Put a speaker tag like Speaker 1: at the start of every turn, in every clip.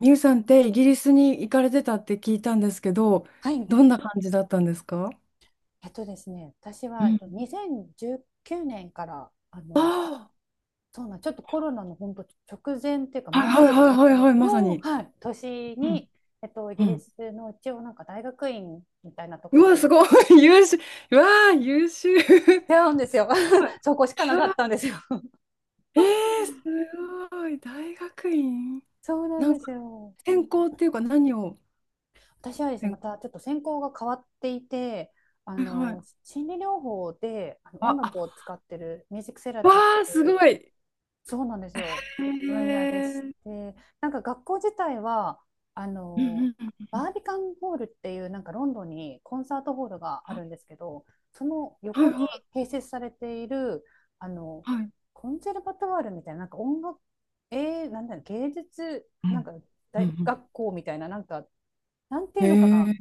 Speaker 1: ミュウさんってイギリスに行かれてたって聞いたんですけど、
Speaker 2: はい。
Speaker 1: どんな感じだったんですか？
Speaker 2: えっとですね、私
Speaker 1: う
Speaker 2: は、
Speaker 1: ん。
Speaker 2: 2019年から、あの、
Speaker 1: あ
Speaker 2: そうなん、ちょっとコロナの本当直前っていうか
Speaker 1: あ、はい、はい、
Speaker 2: 前
Speaker 1: はい、はい、はい、まさ
Speaker 2: の、
Speaker 1: に。
Speaker 2: はい、年
Speaker 1: うん
Speaker 2: に、イ
Speaker 1: う
Speaker 2: ギリ
Speaker 1: ん。
Speaker 2: スの一応なんか大学院みたいなとこ
Speaker 1: う
Speaker 2: ろ
Speaker 1: わ、
Speaker 2: に
Speaker 1: すごい、優秀。うわあ、優秀。す
Speaker 2: 出会うんですよ。
Speaker 1: ごい。は
Speaker 2: そこしかなかったん
Speaker 1: あ。
Speaker 2: ですよ。
Speaker 1: えー、すごい。大学院
Speaker 2: そうなん
Speaker 1: な
Speaker 2: で
Speaker 1: ん
Speaker 2: す
Speaker 1: か、
Speaker 2: よ。
Speaker 1: 専攻っていうか何を？
Speaker 2: 私はですね、
Speaker 1: 専
Speaker 2: ま
Speaker 1: 攻。
Speaker 2: たちょっと専攻が変わっていて、
Speaker 1: はいはい。
Speaker 2: 心理療法で、あの音
Speaker 1: あ、
Speaker 2: 楽
Speaker 1: あ、
Speaker 2: を使ってるミュージックセラ
Speaker 1: わ
Speaker 2: ピーっ
Speaker 1: あ、
Speaker 2: てい
Speaker 1: すご
Speaker 2: う
Speaker 1: い。え
Speaker 2: そうなんですよ。
Speaker 1: ー。
Speaker 2: 分野でして、なんか学校自体は、あ
Speaker 1: うんう
Speaker 2: の、
Speaker 1: んうんう
Speaker 2: バ
Speaker 1: ん。
Speaker 2: ービカンホールっていうなんかロンドンにコンサートホールがある
Speaker 1: は
Speaker 2: んですけど、その
Speaker 1: い
Speaker 2: 横に
Speaker 1: は
Speaker 2: 併設されている、あの、
Speaker 1: いはい。
Speaker 2: コンセルバトワールみたいな、なんか音楽、芸術、
Speaker 1: う
Speaker 2: なん
Speaker 1: ん
Speaker 2: か
Speaker 1: うんう
Speaker 2: 大
Speaker 1: ん。
Speaker 2: 学校みたいな、なんてい
Speaker 1: へ
Speaker 2: うのかな、
Speaker 1: え。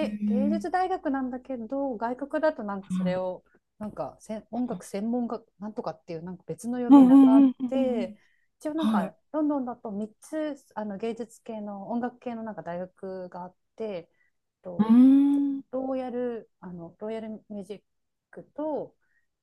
Speaker 1: う
Speaker 2: 芸
Speaker 1: ん
Speaker 2: 術大学なんだけど、外国だとなんかそれを、なんかせん音楽専門学なんとかっていう、なんか別の呼
Speaker 1: う
Speaker 2: び
Speaker 1: んう
Speaker 2: 名があっ
Speaker 1: んうんうんう
Speaker 2: て、
Speaker 1: ん。
Speaker 2: 一応なん
Speaker 1: はい。
Speaker 2: かロンドンだと3つあの芸術系の音楽系のなんか大学があって、
Speaker 1: うー
Speaker 2: と
Speaker 1: ん。うん。
Speaker 2: ローヤルミュージックと、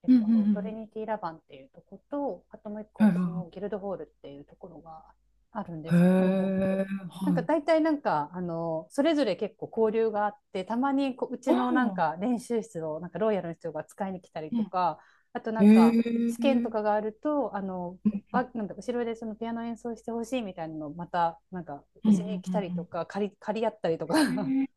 Speaker 1: うんう
Speaker 2: トリ
Speaker 1: ん。
Speaker 2: ニティ・ラバンっていうとこと、あともう一個
Speaker 1: はいはい
Speaker 2: 私
Speaker 1: は
Speaker 2: もギルドホールっていうところがあるんで
Speaker 1: い。へ
Speaker 2: すけど、
Speaker 1: え。
Speaker 2: なんか
Speaker 1: はい。
Speaker 2: 大体なんか、あの、それぞれ結構交流があって、たまにこう、うち
Speaker 1: あ。
Speaker 2: のなんか練習室をなんかロイヤルの人が使いに来たり
Speaker 1: う
Speaker 2: と
Speaker 1: ん
Speaker 2: か、あとな
Speaker 1: う
Speaker 2: んか試験
Speaker 1: ん。へ
Speaker 2: と
Speaker 1: え。
Speaker 2: かがあると、あの、
Speaker 1: うん
Speaker 2: ば、なんだ、後ろでそのピアノ演奏してほしいみたいなのをまた、なんか、
Speaker 1: う
Speaker 2: うちに
Speaker 1: ん
Speaker 2: 来
Speaker 1: う
Speaker 2: たりと
Speaker 1: ん
Speaker 2: か、借り合ったりとか
Speaker 1: うんう ん。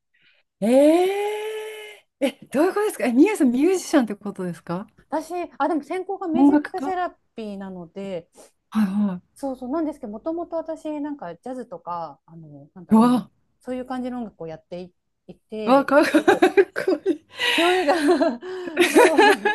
Speaker 1: ええー、え、どういうことですか？え、みゆさんミュージシャンってことですか？
Speaker 2: でも専攻がミュー
Speaker 1: 音
Speaker 2: ジッ
Speaker 1: 楽
Speaker 2: クセ
Speaker 1: 家？
Speaker 2: ラピーなので、
Speaker 1: はいはい。
Speaker 2: そうなんですけど、もともと私、なんかジャズとか、
Speaker 1: うわ。
Speaker 2: そういう感じの音楽をやってい、
Speaker 1: うわ、
Speaker 2: て、
Speaker 1: かっこい
Speaker 2: そう そう。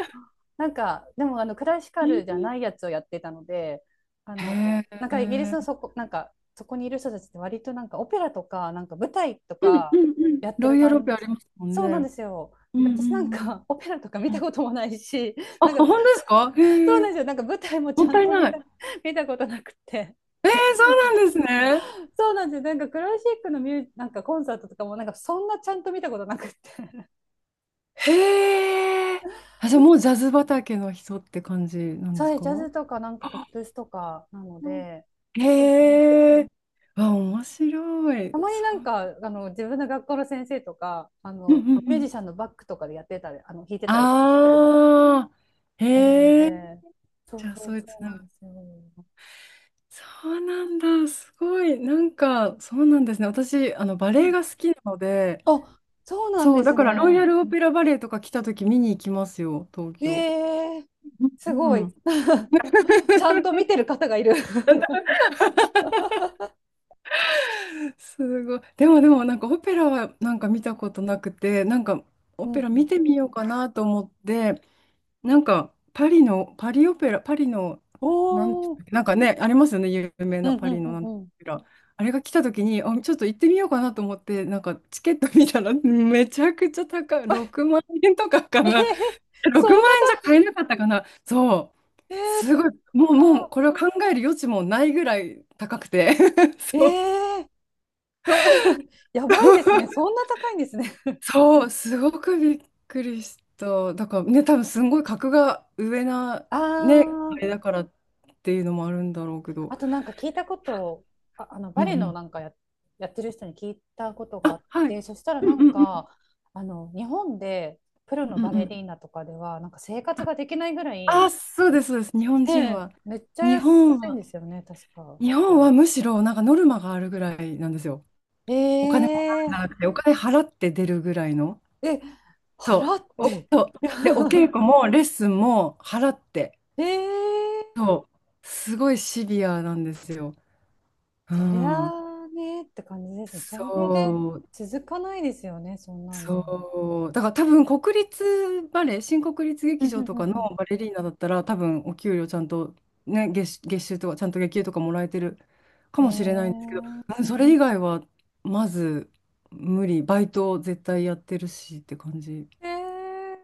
Speaker 2: なんか、でも、あの、クラシカ
Speaker 1: い。
Speaker 2: ルじゃ ないやつをやってたので、
Speaker 1: へえ。
Speaker 2: なん
Speaker 1: う
Speaker 2: かイギリスの
Speaker 1: ん
Speaker 2: そこ、なんか、そこにいる人たちって割となんかオペラとか、なんか舞台と
Speaker 1: うん
Speaker 2: か
Speaker 1: うん。
Speaker 2: やって
Speaker 1: ロ
Speaker 2: る
Speaker 1: イヤルオペ
Speaker 2: 感
Speaker 1: あ
Speaker 2: じ。
Speaker 1: りますもん
Speaker 2: そうなんで
Speaker 1: ね。
Speaker 2: すよ。
Speaker 1: うんう
Speaker 2: で私なん
Speaker 1: ん
Speaker 2: かオペラとか見
Speaker 1: うん。
Speaker 2: たこともないし、
Speaker 1: あ、
Speaker 2: なん
Speaker 1: 本
Speaker 2: か、
Speaker 1: 当ですか？
Speaker 2: そう
Speaker 1: へ
Speaker 2: なん
Speaker 1: え。
Speaker 2: ですよ。なんか舞台もち
Speaker 1: もっ
Speaker 2: ゃん
Speaker 1: たい
Speaker 2: と見
Speaker 1: な
Speaker 2: た、
Speaker 1: い。
Speaker 2: 見たことなくて。
Speaker 1: ええ、そうなんですね。
Speaker 2: そうなんですよ。なんかクラシックのミュー、なんかコンサートとかもなんかそんなちゃんと見たことなくて。
Speaker 1: へえ。あ、じゃあもうジャズ畑の人って感じなんで
Speaker 2: そ
Speaker 1: す
Speaker 2: う、
Speaker 1: か？
Speaker 2: ジャズとかなんかポップスとかなの
Speaker 1: うん。
Speaker 2: で、そう
Speaker 1: へえ。あ、面白
Speaker 2: た
Speaker 1: い。
Speaker 2: まに
Speaker 1: そ
Speaker 2: なん
Speaker 1: う。
Speaker 2: か、自分の学校の先生とか、
Speaker 1: うんうんう
Speaker 2: ミュージ
Speaker 1: ん。
Speaker 2: シャンのバックとかでやってたり、弾いてたりとかするの
Speaker 1: ああ。
Speaker 2: 見るん
Speaker 1: へえ。
Speaker 2: で、
Speaker 1: じゃあそういうつ
Speaker 2: そう
Speaker 1: な
Speaker 2: なんで
Speaker 1: が
Speaker 2: すよ。
Speaker 1: そうなんだ。すごい。なんか、そうなんですね。私、あの、バ
Speaker 2: う
Speaker 1: レエ
Speaker 2: ん
Speaker 1: が好きなので、
Speaker 2: あ、そうなん
Speaker 1: そう、
Speaker 2: で
Speaker 1: だ
Speaker 2: す
Speaker 1: からロイヤ
Speaker 2: ね。
Speaker 1: ルオペラバレエとか来た時見に行きますよ、東京。
Speaker 2: ええす
Speaker 1: う
Speaker 2: ごい。
Speaker 1: ん。
Speaker 2: ちゃんと見て る方がいる。
Speaker 1: なんだ、すごい。でもでもなんかオペラはなんか見たことなくて、なんか オ
Speaker 2: うん
Speaker 1: ペラ
Speaker 2: うん。
Speaker 1: 見てみようかなと思って、なんかパリの、パリオペラ、パリの、なんで
Speaker 2: お
Speaker 1: し
Speaker 2: お、う
Speaker 1: たっけ、
Speaker 2: ん
Speaker 1: なんかね、ありますよね、有名
Speaker 2: う
Speaker 1: な
Speaker 2: んう
Speaker 1: パリの
Speaker 2: ん
Speaker 1: なんとか
Speaker 2: うん。
Speaker 1: オペラ。あれが来た時に、あ、ちょっと行ってみようかなと思って、なんかチケット見たらめちゃくちゃ高い、6万円とかか
Speaker 2: え
Speaker 1: な。
Speaker 2: え
Speaker 1: 6
Speaker 2: そんな
Speaker 1: 万
Speaker 2: た、
Speaker 1: 円じゃ買えなかったかな。そう。
Speaker 2: ええ
Speaker 1: すごい。もう、も
Speaker 2: 高
Speaker 1: う、
Speaker 2: っ。
Speaker 1: これを考える余地もないぐらい高くて。
Speaker 2: え
Speaker 1: そう。
Speaker 2: えろ やばいですね。そん な高いんですね。
Speaker 1: そう、すごくびっくりした。だからね、多分すんごい格が上な、
Speaker 2: あ
Speaker 1: ね、あ
Speaker 2: あ、
Speaker 1: れだからっていうのもあるんだろうけど。
Speaker 2: あとなんか聞いたことをあの
Speaker 1: うん
Speaker 2: バレ
Speaker 1: う
Speaker 2: エの
Speaker 1: ん。
Speaker 2: やってる人に聞いたことがあ
Speaker 1: あ、
Speaker 2: っ
Speaker 1: はい。
Speaker 2: て、そしたら
Speaker 1: うん
Speaker 2: なん
Speaker 1: うんうん
Speaker 2: か、あの日本でプロ
Speaker 1: うん
Speaker 2: の
Speaker 1: う
Speaker 2: バ
Speaker 1: んう
Speaker 2: レ
Speaker 1: ん。
Speaker 2: リーナとかではなんか生活ができないぐらい、
Speaker 1: あ、そうです、そうです。日本人
Speaker 2: ね
Speaker 1: は。
Speaker 2: めっちゃ
Speaker 1: 日本
Speaker 2: 安いん
Speaker 1: は、
Speaker 2: ですよね、確か。
Speaker 1: 日本はむしろなんかノルマがあるぐらいなんですよ。
Speaker 2: え
Speaker 1: お金も
Speaker 2: え
Speaker 1: らうんじゃなくて、お金払って出るぐらいの。
Speaker 2: え、
Speaker 1: そ
Speaker 2: 払っ
Speaker 1: う。お、
Speaker 2: て
Speaker 1: で、お稽 古もレッスンも払って。
Speaker 2: ええ
Speaker 1: そう。すごいシビアなんですよ。う
Speaker 2: そりゃ
Speaker 1: ん。
Speaker 2: あねって感じですね。それで
Speaker 1: そう、
Speaker 2: 続かないですよね、そんなんで。
Speaker 1: そう。だから多分国立バレエ、新国立
Speaker 2: う
Speaker 1: 劇
Speaker 2: んう
Speaker 1: 場
Speaker 2: んう
Speaker 1: とか
Speaker 2: ん
Speaker 1: の
Speaker 2: うん
Speaker 1: バレリーナだったら多分お給料ちゃんと、ね、月収とかちゃんと月給とかもらえてるかもしれないんですけど、
Speaker 2: ええ
Speaker 1: うん、それ以外はまず無理、バイト絶対やってるしって感じ。
Speaker 2: えー、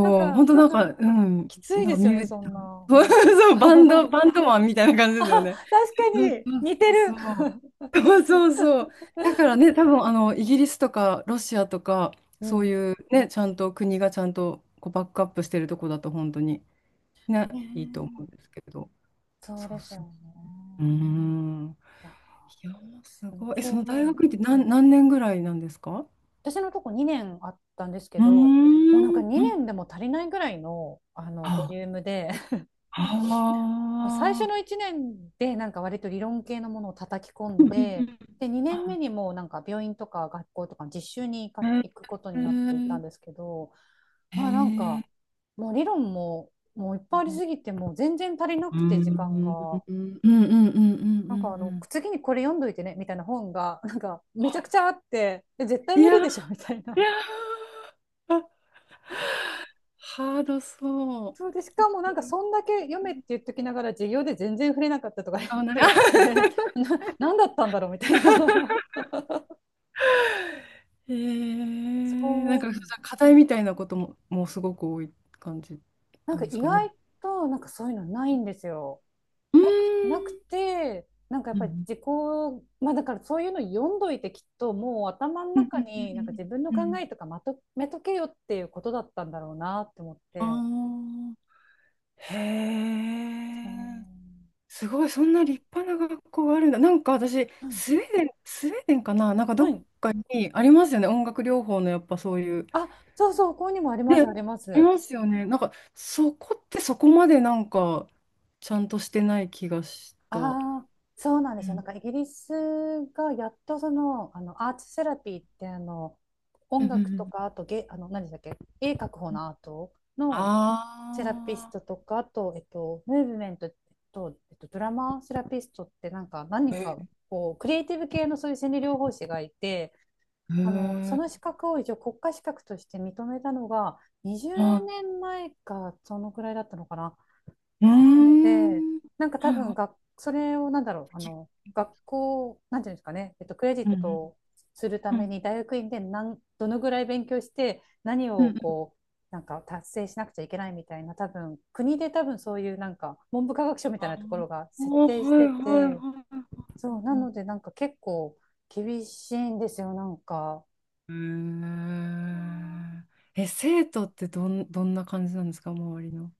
Speaker 2: なん
Speaker 1: う、本
Speaker 2: か、
Speaker 1: 当な
Speaker 2: あ
Speaker 1: んか、うん、
Speaker 2: きつい
Speaker 1: なん
Speaker 2: で
Speaker 1: か
Speaker 2: す
Speaker 1: ミ
Speaker 2: よ
Speaker 1: ュ
Speaker 2: ね、
Speaker 1: ー、
Speaker 2: そん な。
Speaker 1: そう、バンド、バンドマンみたいな感じですよね。
Speaker 2: 確か
Speaker 1: そう
Speaker 2: に、
Speaker 1: そ
Speaker 2: 似て
Speaker 1: う
Speaker 2: る。
Speaker 1: そう。そうそうそう。だからね、多分あのイギリスとかロシアとか、
Speaker 2: う
Speaker 1: そう
Speaker 2: ん
Speaker 1: いうね、ちゃんと国がちゃんとこうバックアップしてるとこだと、本当にね、
Speaker 2: ね
Speaker 1: いいと思うんで
Speaker 2: え
Speaker 1: すけど。
Speaker 2: そう
Speaker 1: そ
Speaker 2: で
Speaker 1: う
Speaker 2: すよ
Speaker 1: そう。うー
Speaker 2: ね。
Speaker 1: ん。
Speaker 2: いや、
Speaker 1: いやー、す
Speaker 2: でも
Speaker 1: ごい。え、
Speaker 2: そ
Speaker 1: そ
Speaker 2: う
Speaker 1: の大
Speaker 2: 思う。
Speaker 1: 学院って何、何年ぐらいなんですか？
Speaker 2: 私のとこ2年あったんですけ
Speaker 1: うー
Speaker 2: ど、もうなんか
Speaker 1: ん。う
Speaker 2: 2
Speaker 1: ん。
Speaker 2: 年でも足りないぐらいの、あのボ
Speaker 1: あ
Speaker 2: リュームでもう最
Speaker 1: あ。
Speaker 2: 初
Speaker 1: あ
Speaker 2: の
Speaker 1: ー。
Speaker 2: 1年でなんか割と理論系のものを叩き込
Speaker 1: う
Speaker 2: ん
Speaker 1: んうんう
Speaker 2: で、
Speaker 1: ん。
Speaker 2: で2年目
Speaker 1: あ。
Speaker 2: にもうなんか病院とか学校とか実習に行くことになっていたんですけど、
Speaker 1: へ
Speaker 2: まあなん
Speaker 1: ー
Speaker 2: か
Speaker 1: へ
Speaker 2: もう理論ももういっぱいありす
Speaker 1: ー。
Speaker 2: ぎてもう全然足りな
Speaker 1: うー
Speaker 2: く
Speaker 1: ん。
Speaker 2: て時間
Speaker 1: う
Speaker 2: が。
Speaker 1: んうんうんうんう
Speaker 2: なんかあの
Speaker 1: ん
Speaker 2: 次にこれ読んどいてねみたいな本が なんかめちゃくちゃあって絶対
Speaker 1: うん。い
Speaker 2: 無
Speaker 1: や
Speaker 2: 理
Speaker 1: ー、
Speaker 2: でしょみたい
Speaker 1: い
Speaker 2: な
Speaker 1: やー、あ、ハードそ
Speaker 2: そうでし
Speaker 1: う。
Speaker 2: かもなんか そんだけ読めって言っときながら授業で全然触れなかったとかね
Speaker 1: あ、なん
Speaker 2: と
Speaker 1: か、
Speaker 2: りあえずして 何だったんだろうみたいな
Speaker 1: えー、なん
Speaker 2: そ
Speaker 1: か、
Speaker 2: う。
Speaker 1: 課題みたいなことも、もうすごく多い感じ
Speaker 2: なん
Speaker 1: な
Speaker 2: か
Speaker 1: んです
Speaker 2: 意
Speaker 1: か
Speaker 2: 外
Speaker 1: ね？
Speaker 2: と、なんかそういうのないんですよ。
Speaker 1: うーん。
Speaker 2: なくて、なんかやっ
Speaker 1: う
Speaker 2: ぱり
Speaker 1: ん
Speaker 2: 自己、まあだからそういうの読んどいてきっともう頭の
Speaker 1: うんう
Speaker 2: 中
Speaker 1: んう
Speaker 2: になんか
Speaker 1: ん
Speaker 2: 自分の
Speaker 1: うんう
Speaker 2: 考
Speaker 1: ん。
Speaker 2: えとかまとめとけよっていうことだったんだろうなって思っ
Speaker 1: あ
Speaker 2: て。
Speaker 1: あ、へえ。
Speaker 2: そ
Speaker 1: すごい、そんな立派な学校があるんだ。なんか私、
Speaker 2: う。はい。
Speaker 1: スウェーデンかな、なんかど
Speaker 2: は
Speaker 1: っ
Speaker 2: い。
Speaker 1: かにありますよね。音楽療法のやっぱそういう。
Speaker 2: あ、そう、ここにもあり
Speaker 1: ね、
Speaker 2: ます、ありま
Speaker 1: あり
Speaker 2: す。
Speaker 1: ますよね。なんかそこってそこまでなんかちゃんとしてない気がした。うん
Speaker 2: ああ、そうなんで
Speaker 1: う
Speaker 2: すよ。な
Speaker 1: ん
Speaker 2: んかイギリスがやっとその、あのアーツセラピーってあの
Speaker 1: う
Speaker 2: 音楽と
Speaker 1: ん
Speaker 2: かあとあの何でしたっけ、絵描く方
Speaker 1: うん。
Speaker 2: のアートのセラピス
Speaker 1: あ
Speaker 2: トとかあと、ムーブメントと、ドラマセラピストってなんか何人
Speaker 1: あ。へ
Speaker 2: か
Speaker 1: え。
Speaker 2: こうクリエイティブ系のそういう心理療法士がいて
Speaker 1: へ
Speaker 2: あのそ
Speaker 1: ー、
Speaker 2: の資格を一応国家資格として認めたのが20
Speaker 1: は
Speaker 2: 年前かそのくらいだったのかな。
Speaker 1: い。うー
Speaker 2: なので、
Speaker 1: ん。
Speaker 2: なんか
Speaker 1: は
Speaker 2: 多
Speaker 1: い
Speaker 2: 分
Speaker 1: はい。
Speaker 2: が、それをなんだろう、学校、なんていうんですかね、クレジ
Speaker 1: う
Speaker 2: ッ
Speaker 1: んうん
Speaker 2: トするた
Speaker 1: う
Speaker 2: め
Speaker 1: ん。
Speaker 2: に大学院でどのぐらい勉強して、何
Speaker 1: うんう
Speaker 2: を
Speaker 1: ん。
Speaker 2: こう、なんか達成しなくちゃいけないみたいな、多分、国で多分そういうなんか、文部科学省みたい
Speaker 1: あ
Speaker 2: なところが
Speaker 1: あ。
Speaker 2: 設
Speaker 1: はい
Speaker 2: 定し
Speaker 1: はいはい
Speaker 2: てて、
Speaker 1: は
Speaker 2: そう、な
Speaker 1: いはい。
Speaker 2: のでなんか結構厳しいんですよ、なんか。
Speaker 1: うん。え、生徒ってどんな感じなんですか、周りの。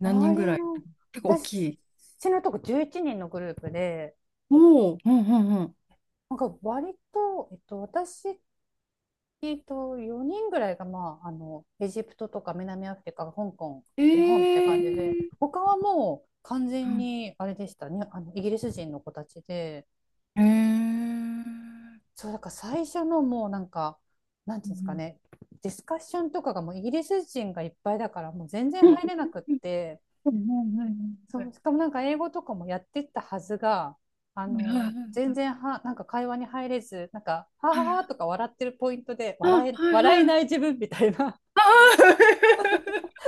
Speaker 1: 何
Speaker 2: 周
Speaker 1: 人ぐ
Speaker 2: り
Speaker 1: らい、
Speaker 2: の、
Speaker 1: 結構大き
Speaker 2: 私
Speaker 1: い？
Speaker 2: のとこ11人のグループで、
Speaker 1: おお、うんうんうん。
Speaker 2: なんか割と、えっと、私えっと、4人ぐらいが、エジプトとか南アフリカ、香港、
Speaker 1: え
Speaker 2: 日本って感じで、
Speaker 1: ー、
Speaker 2: 他はもう完
Speaker 1: う
Speaker 2: 全
Speaker 1: ん。
Speaker 2: に、あれでしたね、イギリス人の子たちで、
Speaker 1: えー、
Speaker 2: そう、だから最初のもうなんか、なんて
Speaker 1: う
Speaker 2: いうんですか
Speaker 1: ん
Speaker 2: ね、ディスカッションとかがもうイギリス人がいっぱいだから、もう全然
Speaker 1: うん
Speaker 2: 入
Speaker 1: う
Speaker 2: れ
Speaker 1: ん。
Speaker 2: なくって、そう、しかもなんか英語とかもやってったはずが、あの、全然は、なんか会話に入れず、なんか、はははとか笑ってるポイントで、
Speaker 1: はいはいはいはいはいはい
Speaker 2: 笑
Speaker 1: はい
Speaker 2: え
Speaker 1: はい。
Speaker 2: ない自分みたいな。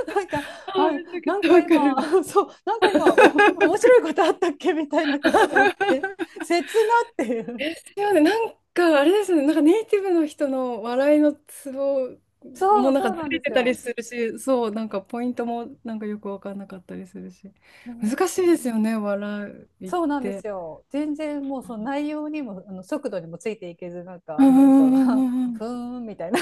Speaker 2: なんか、
Speaker 1: あ
Speaker 2: あ、
Speaker 1: めちゃく
Speaker 2: なん
Speaker 1: ちゃ
Speaker 2: か
Speaker 1: わか
Speaker 2: 今、
Speaker 1: る。
Speaker 2: そう、なんか今、面白いことあったっけみたいなことが起きて、切なっていう。
Speaker 1: ですよね。なんか、あれですね。なんかネイティブの人の笑いのツボもなん
Speaker 2: そ
Speaker 1: か
Speaker 2: う
Speaker 1: ず
Speaker 2: なん
Speaker 1: れ
Speaker 2: です
Speaker 1: てたり
Speaker 2: よ。
Speaker 1: するし、そう、なんかポイントもなんかよくわかんなかったりするし。
Speaker 2: うん、
Speaker 1: 難しいですよね、笑いっ
Speaker 2: そうなんです
Speaker 1: て。
Speaker 2: よ。全然もうその内容にも、あの速度にもついていけず、
Speaker 1: うんうんうん
Speaker 2: あ
Speaker 1: うんうん。
Speaker 2: ふーんみたいな。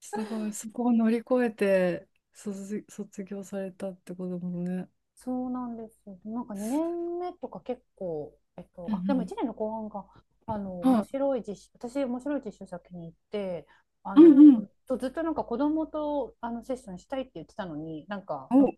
Speaker 1: すごい、そこを乗り越えて卒業されたってこともね。
Speaker 2: そうなんですよ。なんか2年目とか結構、
Speaker 1: う
Speaker 2: でも
Speaker 1: ん
Speaker 2: 1年の後半が、あの、
Speaker 1: うん。
Speaker 2: 面
Speaker 1: はい。
Speaker 2: 白い実習、私、面白い実習先に行って、あ
Speaker 1: う
Speaker 2: の、
Speaker 1: んうん。
Speaker 2: ずっとなんか子供とあのセッションしたいって言ってたのに、なんか、
Speaker 1: お。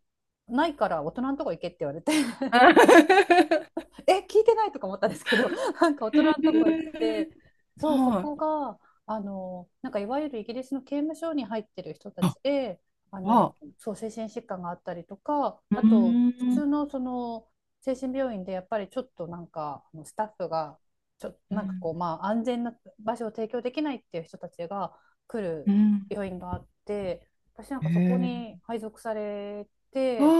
Speaker 2: ないから大人のとこ行けって言われて
Speaker 1: へ
Speaker 2: え聞いてないとか思ったんですけど なんか大人のとこ行って
Speaker 1: ー、
Speaker 2: そうそ
Speaker 1: は
Speaker 2: こ
Speaker 1: い。
Speaker 2: があのなんかいわゆるイギリスの刑務所に入ってる人たち
Speaker 1: あ、
Speaker 2: であ
Speaker 1: わ
Speaker 2: の
Speaker 1: あ。
Speaker 2: そう精神疾患があったりとか
Speaker 1: う
Speaker 2: あと
Speaker 1: ー
Speaker 2: 普
Speaker 1: ん。
Speaker 2: 通のその精神病院でやっぱりちょっとなんかあのスタッフが
Speaker 1: う
Speaker 2: なんか
Speaker 1: ん。
Speaker 2: こうまあ安全な場所を提供できないっていう人たちが来
Speaker 1: う
Speaker 2: る
Speaker 1: ん。
Speaker 2: 病院があって私なんかそこ
Speaker 1: ええ。
Speaker 2: に配属され
Speaker 1: あ
Speaker 2: て。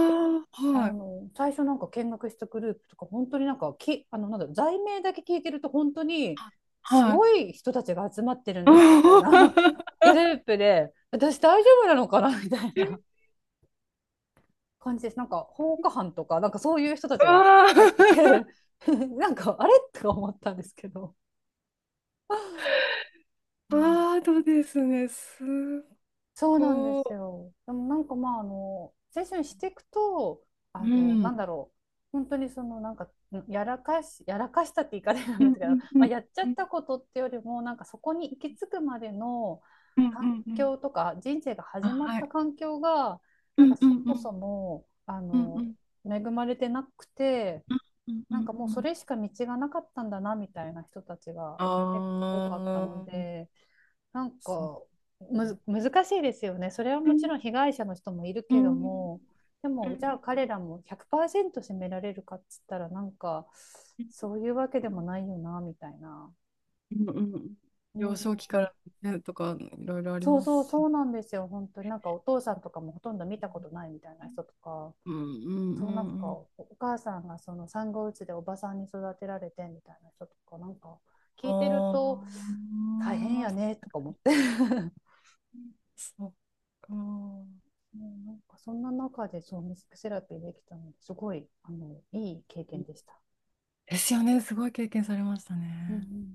Speaker 1: あ、
Speaker 2: あ
Speaker 1: はい、
Speaker 2: の最初なんか見学したグループとか本当になんかきあのなんだろう罪名だけ聞いてると本当に
Speaker 1: は
Speaker 2: すごい人たちが集まってる
Speaker 1: い。
Speaker 2: んだなみたいな グループで私大丈夫なのかな みたいな感じですなんか放火犯とかなんかそういう人たちが
Speaker 1: ああ。
Speaker 2: 入ってて なんかあれとか思ったんですけど、うん
Speaker 1: ああ、そうですね。すっ
Speaker 2: そうなんです
Speaker 1: ご
Speaker 2: よ。でもなんかまああの青春していくと
Speaker 1: い。
Speaker 2: あ
Speaker 1: う
Speaker 2: のな
Speaker 1: ん。
Speaker 2: んだろう本当にそのなんかやらかしたって言い方なん
Speaker 1: う
Speaker 2: で
Speaker 1: ん
Speaker 2: すけど、
Speaker 1: う んう
Speaker 2: まあ、
Speaker 1: ん
Speaker 2: やっちゃ
Speaker 1: う
Speaker 2: っ
Speaker 1: ん
Speaker 2: たことってよりもなんかそこに行き着くまでの
Speaker 1: うん
Speaker 2: 環
Speaker 1: うんうん。
Speaker 2: 境とか人生が
Speaker 1: あ、
Speaker 2: 始まっ
Speaker 1: は
Speaker 2: た
Speaker 1: い。
Speaker 2: 環境が
Speaker 1: う
Speaker 2: なん
Speaker 1: ん
Speaker 2: か
Speaker 1: う
Speaker 2: そ
Speaker 1: んう
Speaker 2: も
Speaker 1: ん
Speaker 2: そもあ
Speaker 1: うんう
Speaker 2: の
Speaker 1: ん
Speaker 2: 恵まれてなくて
Speaker 1: うんう
Speaker 2: なん
Speaker 1: ん
Speaker 2: かもう
Speaker 1: う
Speaker 2: そ
Speaker 1: ん。
Speaker 2: れしか道がなかったんだなみたいな人たちが
Speaker 1: あ
Speaker 2: 結構多かったの
Speaker 1: あ、
Speaker 2: で。なん
Speaker 1: そう。
Speaker 2: かむず難しいですよね。それは
Speaker 1: う
Speaker 2: も
Speaker 1: ん
Speaker 2: ちろん被害者の人もいる
Speaker 1: う
Speaker 2: けど
Speaker 1: ん
Speaker 2: も、で
Speaker 1: うんう
Speaker 2: もじゃあ
Speaker 1: ん
Speaker 2: 彼らも100%責められるかっつったらなんかそういうわけでもないよなみたいな。
Speaker 1: うんうん。
Speaker 2: う
Speaker 1: 幼少期か
Speaker 2: ん、
Speaker 1: らねとかいろいろあります
Speaker 2: そ
Speaker 1: し。
Speaker 2: うなんですよ。本当になんかお父さんとかもほとんど見たことないみたいな人とか、
Speaker 1: うんうん
Speaker 2: そう
Speaker 1: う
Speaker 2: なん
Speaker 1: んう
Speaker 2: か
Speaker 1: ん。
Speaker 2: お母さんがその産後うつでおばさんに育てられてみたいな人とかなんか聞いてると
Speaker 1: あ
Speaker 2: 大変
Speaker 1: あ、
Speaker 2: やねとか思って
Speaker 1: そっか。
Speaker 2: ねなんかそんな中でそうミュージックセラピーできたのですごいあのいい経験でした。
Speaker 1: ですよね。すごい経験されました
Speaker 2: うんうんう
Speaker 1: ね。
Speaker 2: ん